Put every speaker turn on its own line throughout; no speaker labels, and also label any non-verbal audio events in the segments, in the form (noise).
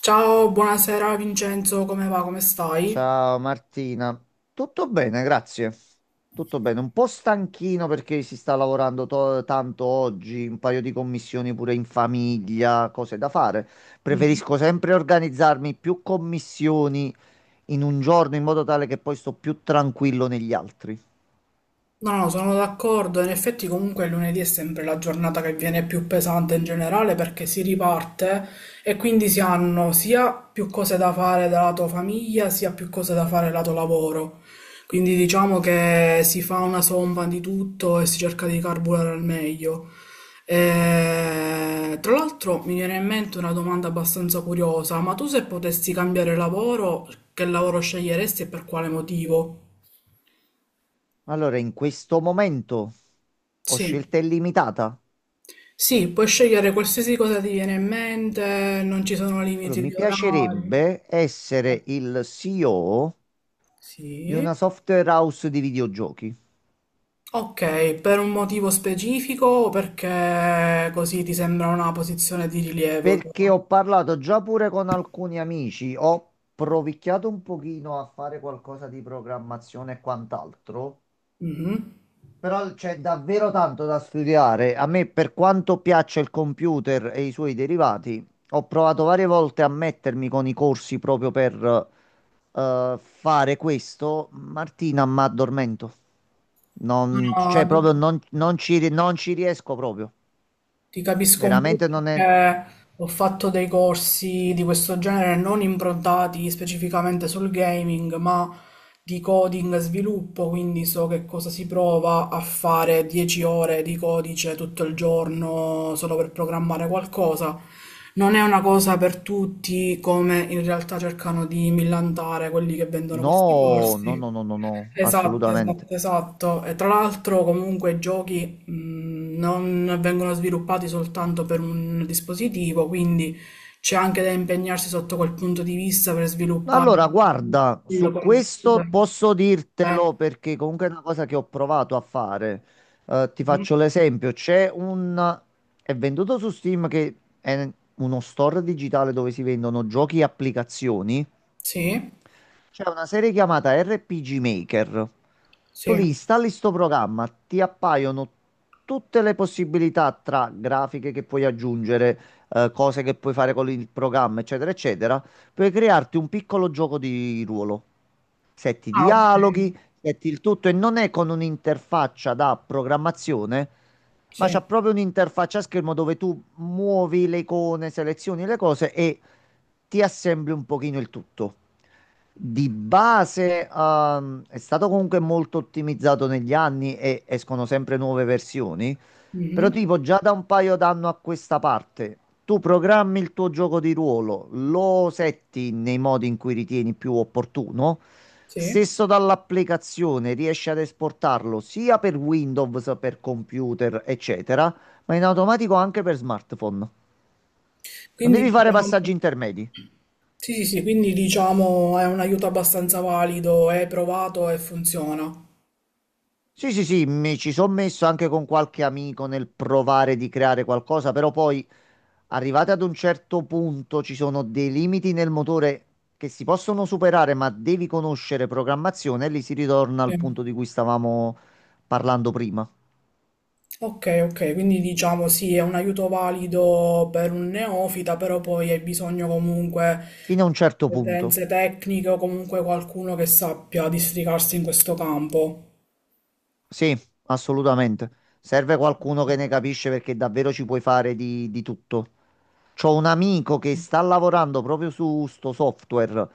Ciao, buonasera Vincenzo, come va, come stai?
Ciao Martina, tutto bene, grazie. Tutto bene, un po' stanchino perché si sta lavorando tanto oggi, un paio di commissioni pure in famiglia, cose da fare. Preferisco sempre organizzarmi più commissioni in un giorno in modo tale che poi sto più tranquillo negli altri.
No, no, sono d'accordo. In effetti comunque il lunedì è sempre la giornata che viene più pesante in generale perché si riparte e quindi si hanno sia più cose da fare da lato famiglia, sia più cose da fare lato lavoro. Quindi diciamo che si fa una somma di tutto e si cerca di carburare al meglio. Tra l'altro mi viene in mente una domanda abbastanza curiosa, ma tu se potessi cambiare lavoro, che lavoro sceglieresti e per quale motivo?
Allora, in questo momento ho
Sì.
scelta illimitata.
Sì, puoi scegliere qualsiasi cosa ti viene in mente, non ci sono
Allora,
limiti
mi
di orari.
piacerebbe essere il CEO di
Sì.
una software house di videogiochi.
Ok, per un motivo specifico o perché così ti sembra una posizione di rilievo
Perché
tua?
ho parlato già pure con alcuni amici, ho provicchiato un pochino a fare qualcosa di programmazione e quant'altro,
Mhm.
però c'è davvero tanto da studiare. A me, per quanto piaccia il computer e i suoi derivati, ho provato varie volte a mettermi con i corsi proprio per fare questo. Martina, ma addormento.
No,
Non,
no,
cioè, proprio non, non ci riesco proprio.
ti capisco un po'
Veramente non è.
perché ho fatto dei corsi di questo genere non improntati specificamente sul gaming, ma di coding e sviluppo, quindi so che cosa si prova a fare 10 ore di codice tutto il giorno solo per programmare qualcosa. Non è una cosa per tutti, come in realtà cercano di millantare quelli che vendono questi
No, no, no,
corsi.
no, no, no,
Esatto,
assolutamente.
esatto, esatto. E tra l'altro comunque i giochi non vengono sviluppati soltanto per un dispositivo, quindi c'è anche da impegnarsi sotto quel punto di vista per
No,
sviluppare
allora,
il
guarda, su
computer.
questo posso
Eh,
dirtelo perché comunque è una cosa che ho provato a fare. Ti
mhm.
faccio l'esempio, c'è un... è venduto su Steam che è uno store digitale dove si vendono giochi e applicazioni.
Sì,
C'è una serie chiamata RPG Maker. Tu
sì.
li installi sto programma, ti appaiono tutte le possibilità tra grafiche che puoi aggiungere, cose che puoi fare con il programma, eccetera, eccetera. Puoi crearti un piccolo gioco di ruolo. Setti i
Ah, ok.
dialoghi, setti il tutto e non è con un'interfaccia da programmazione, ma
Sì.
c'è proprio un'interfaccia a schermo dove tu muovi le icone, selezioni le cose e ti assembli un pochino il tutto. Di base, è stato comunque molto ottimizzato negli anni e escono sempre nuove versioni, però
Mhm.
tipo già da un paio d'anni a questa parte, tu programmi il tuo gioco di ruolo, lo setti nei modi in cui ritieni più opportuno.
Sì.
Stesso dall'applicazione riesci ad esportarlo sia per Windows, per computer, eccetera, ma in automatico anche per smartphone. Non
Quindi
devi fare
diciamo,
passaggi intermedi.
sì, sì, sì, quindi diciamo è un aiuto abbastanza valido, è provato e funziona.
Sì, sì, sì, mi ci sono messo anche con qualche amico nel provare di creare qualcosa, però poi arrivati ad un certo punto ci sono dei limiti nel motore che si possono superare, ma devi conoscere programmazione e lì si ritorna al punto
Sì.
di cui stavamo parlando prima.
Ok, ok, quindi diciamo sì, è un aiuto valido per un neofita, però poi hai bisogno comunque
Fino a un certo
di
punto.
competenze tecniche o comunque qualcuno che sappia districarsi in questo campo.
Sì, assolutamente. Serve qualcuno che ne capisce perché davvero ci puoi fare di tutto. C'ho un amico che sta lavorando proprio su sto software.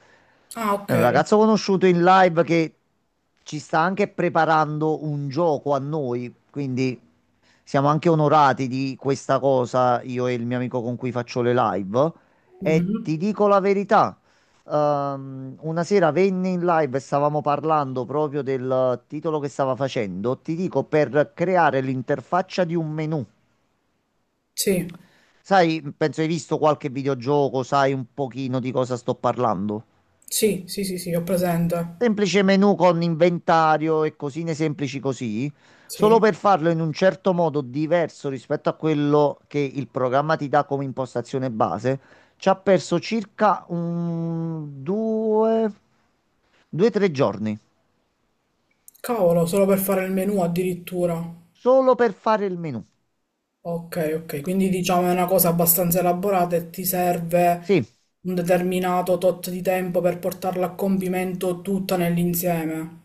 Ah,
È
ok.
un ragazzo conosciuto in live che ci sta anche preparando un gioco a noi, quindi siamo anche onorati di questa cosa, io e il mio amico con cui faccio le live. E
Mhm.
ti dico la verità, una sera venne in live e stavamo parlando proprio del titolo che stava facendo. Ti dico, per creare l'interfaccia di un menu.
Sì,
Sai, penso hai visto qualche videogioco, sai un pochino di cosa sto parlando.
sì, sì, sì, sì, ho presente.
Semplice menu con inventario e cosine semplici così, solo
Sì.
per farlo in un certo modo diverso rispetto a quello che il programma ti dà come impostazione base, ci ha perso circa un due, due, tre giorni,
Cavolo, solo per fare il menu addirittura.
solo per fare il menu.
Ok, ok, quindi diciamo è una cosa abbastanza elaborata e ti serve
Sì,
un determinato tot di tempo per portarla a compimento tutta nell'insieme.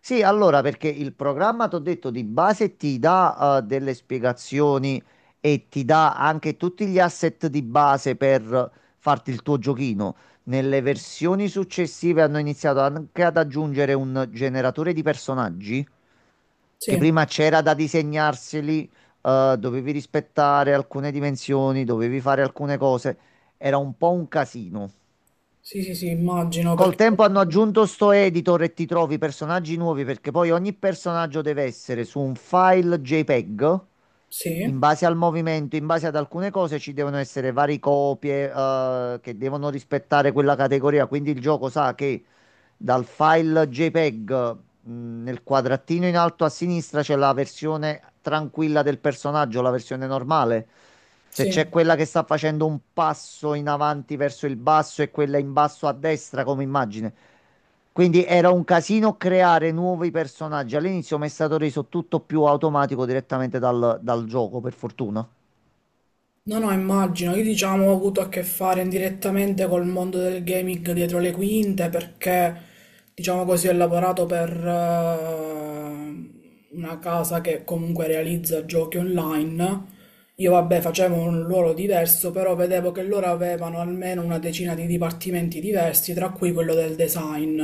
sì, allora, perché il programma, ti ho detto, di base ti dà delle spiegazioni e ti dà anche tutti gli asset di base per farti il tuo giochino. Nelle versioni successive hanno iniziato anche ad aggiungere un generatore di personaggi che
Sì,
prima c'era da disegnarseli, dovevi rispettare alcune dimensioni, dovevi fare alcune cose. Era un po' un casino.
sì, sì, sì, immagino
Col
perché
tempo hanno aggiunto sto editor e ti trovi personaggi nuovi perché poi ogni personaggio deve essere su un file JPEG. In
sì,
base al movimento, in base ad alcune cose, ci devono essere varie copie, che devono rispettare quella categoria. Quindi il gioco sa che dal file JPEG, nel quadratino in alto a sinistra c'è la versione tranquilla del personaggio, la versione normale. Se
sì.
c'è quella che sta facendo un passo in avanti verso il basso e quella in basso a destra come immagine. Quindi era un casino creare nuovi personaggi. All'inizio mi è stato reso tutto più automatico direttamente dal gioco, per fortuna.
No, no, immagino. Io diciamo ho avuto a che fare indirettamente col mondo del gaming dietro le quinte perché, diciamo così, ho lavorato per una casa che comunque realizza giochi online. Io vabbè facevo un ruolo diverso, però vedevo che loro avevano almeno una decina di dipartimenti diversi, tra cui quello del design,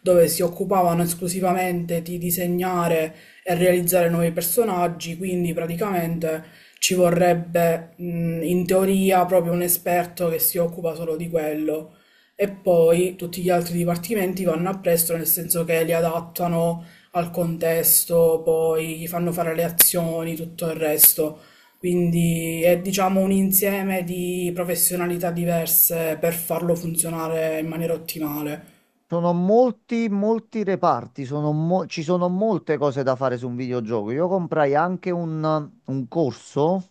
dove si occupavano esclusivamente di disegnare e realizzare nuovi personaggi, quindi praticamente... Ci vorrebbe, in teoria proprio un esperto che si occupa solo di quello e poi tutti gli altri dipartimenti vanno appresso, nel senso che li adattano al contesto, poi gli fanno fare le azioni, tutto il resto. Quindi è diciamo un insieme di professionalità diverse per farlo funzionare in maniera ottimale.
Sono molti, molti reparti, sono ci sono molte cose da fare su un videogioco. Io comprai anche un corso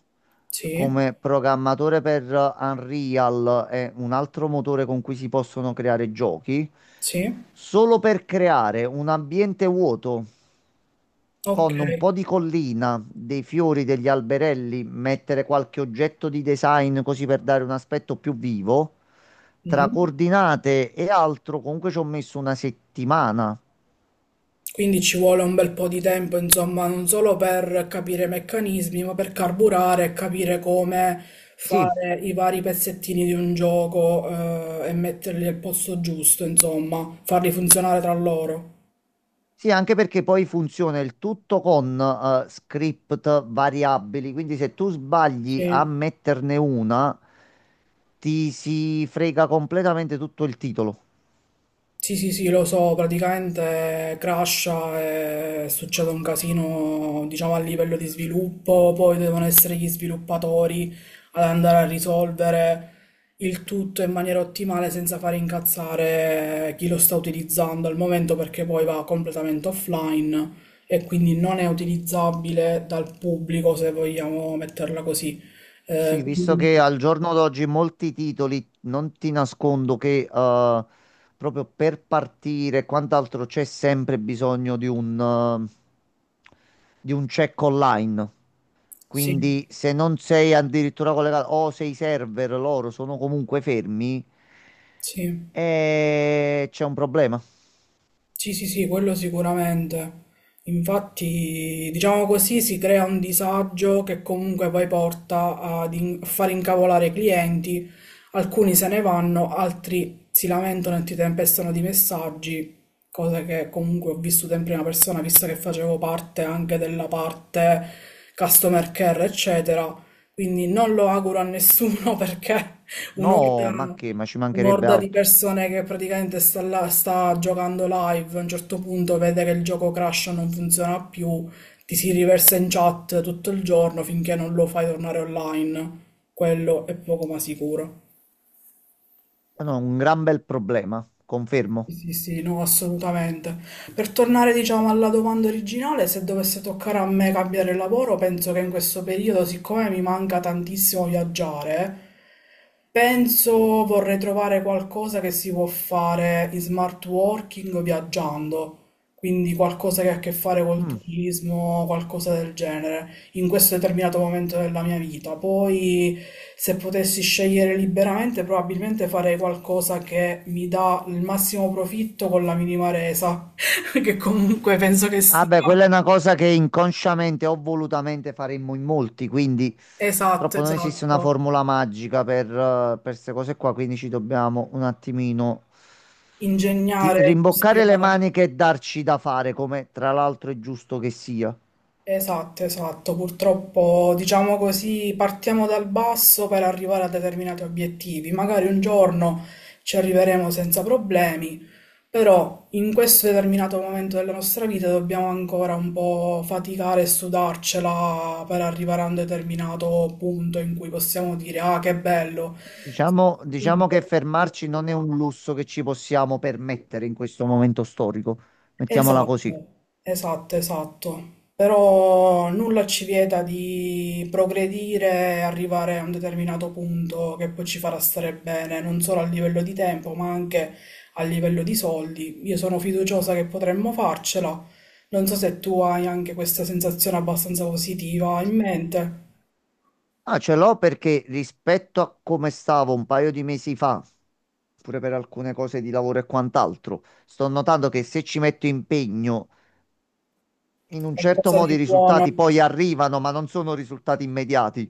Sì,
come programmatore per Unreal e un altro motore con cui si possono creare giochi,
sì,
solo per creare un ambiente vuoto
ok.
con un po' di collina, dei fiori, degli alberelli, mettere qualche oggetto di design così per dare un aspetto più vivo tra
Mhm.
coordinate e altro, comunque ci ho messo una settimana.
Quindi ci vuole un bel po' di tempo, insomma, non solo per capire i meccanismi, ma per carburare e capire come
Sì,
fare i vari pezzettini di un gioco, e metterli al posto giusto, insomma, farli funzionare tra loro.
sì, anche perché poi funziona il tutto con script variabili, quindi se tu sbagli a
Sì.
metterne una, ti si frega completamente tutto il titolo.
Sì, sì, sì, lo so, praticamente crasha e succede un casino, diciamo, a livello di sviluppo, poi devono essere gli sviluppatori ad andare a risolvere il tutto in maniera ottimale senza fare incazzare chi lo sta utilizzando al momento perché poi va completamente offline e quindi non è utilizzabile dal pubblico se vogliamo metterla così.
Sì,
Eh,
visto
quindi
che al giorno d'oggi molti titoli, non ti nascondo che proprio per partire e quant'altro c'è sempre bisogno di di un check online.
sì,
Quindi se non sei addirittura collegato o se i server loro sono comunque fermi,
sì.
c'è un problema.
Sì, sì, sì, quello sicuramente. Infatti, diciamo così, si crea un disagio che comunque poi porta ad a far incavolare i clienti. Alcuni se ne vanno, altri si lamentano e ti tempestano di messaggi, cosa che comunque ho vissuto in prima persona, visto che facevo parte anche della parte customer care, eccetera. Quindi non lo auguro a nessuno (laughs) perché un'orda
No, ma che? Ma ci mancherebbe
un'orda di
altro.
persone che praticamente sta là, sta giocando live, a un certo punto vede che il gioco crasha, non funziona più, ti si riversa in chat tutto il giorno finché non lo fai tornare online. Quello è poco ma sicuro.
No, un gran bel problema, confermo.
Sì, sì, sì, no, assolutamente. Per tornare, diciamo, alla domanda originale, se dovesse toccare a me cambiare lavoro, penso che in questo periodo, siccome mi manca tantissimo viaggiare, penso vorrei trovare qualcosa che si può fare in smart working viaggiando, quindi qualcosa che ha a che fare col
Mm.
turismo, qualcosa del genere in questo determinato momento della mia vita. Poi, se potessi scegliere liberamente, probabilmente farei qualcosa che mi dà il massimo profitto con la minima resa, (laughs) che comunque penso che
Ah
sia
beh, quella è una cosa che inconsciamente o volutamente faremmo in molti, quindi
esatto,
purtroppo non esiste una
esatto.
formula magica per queste cose qua, quindi ci dobbiamo un attimino
Ingegnare,
rimboccare le
industriale.
maniche e darci da fare, come tra l'altro è giusto che sia.
Esatto, esatto. Purtroppo, diciamo così, partiamo dal basso per arrivare a determinati obiettivi. Magari un giorno ci arriveremo senza problemi, però in questo determinato momento della nostra vita dobbiamo ancora un po' faticare e sudarcela per arrivare a un determinato punto in cui possiamo dire, ah, che bello.
Diciamo che fermarci non è un lusso che ci possiamo permettere in questo momento storico, mettiamola così.
Esatto, esatto, esatto. Però nulla ci vieta di progredire e arrivare a un determinato punto che poi ci farà stare bene, non solo a livello di tempo, ma anche a livello di soldi. Io sono fiduciosa che potremmo farcela. Non so se tu hai anche questa sensazione abbastanza positiva in mente,
Ah, ce l'ho perché rispetto a come stavo un paio di mesi fa, pure per alcune cose di lavoro e quant'altro, sto notando che se ci metto impegno, in un certo
qualcosa
modo i
di buono.
risultati poi arrivano, ma non sono risultati immediati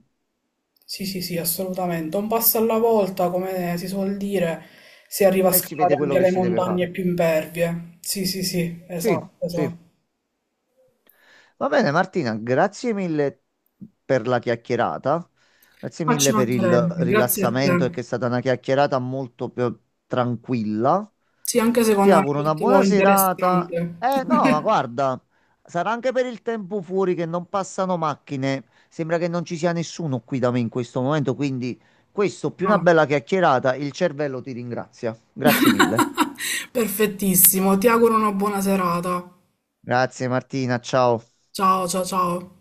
Sì, sì, sì, assolutamente. Un passo alla volta, come si suol dire, si arriva a
e si vede
scalare
quello
anche
che
le
si deve
montagne
fare.
più impervie. Sì, sì, sì,
Sì,
esatto,
sì.
esatto.
Va bene, Martina, grazie mille per la chiacchierata. Grazie
Ma ci
mille per il
mancherebbe, grazie a
rilassamento,
te.
perché è stata una chiacchierata molto più tranquilla.
Sì, anche
Ti
secondo me
auguro una
è
buona
molto
serata.
interessante.
Eh no, ma
(laughs)
guarda, sarà anche per il tempo fuori che non passano macchine. Sembra che non ci sia nessuno qui da me in questo momento, quindi questo più una
No.
bella chiacchierata, il cervello ti ringrazia. Grazie mille.
(laughs) Perfettissimo, ti auguro una buona serata.
Grazie Martina, ciao.
Ciao, ciao, ciao.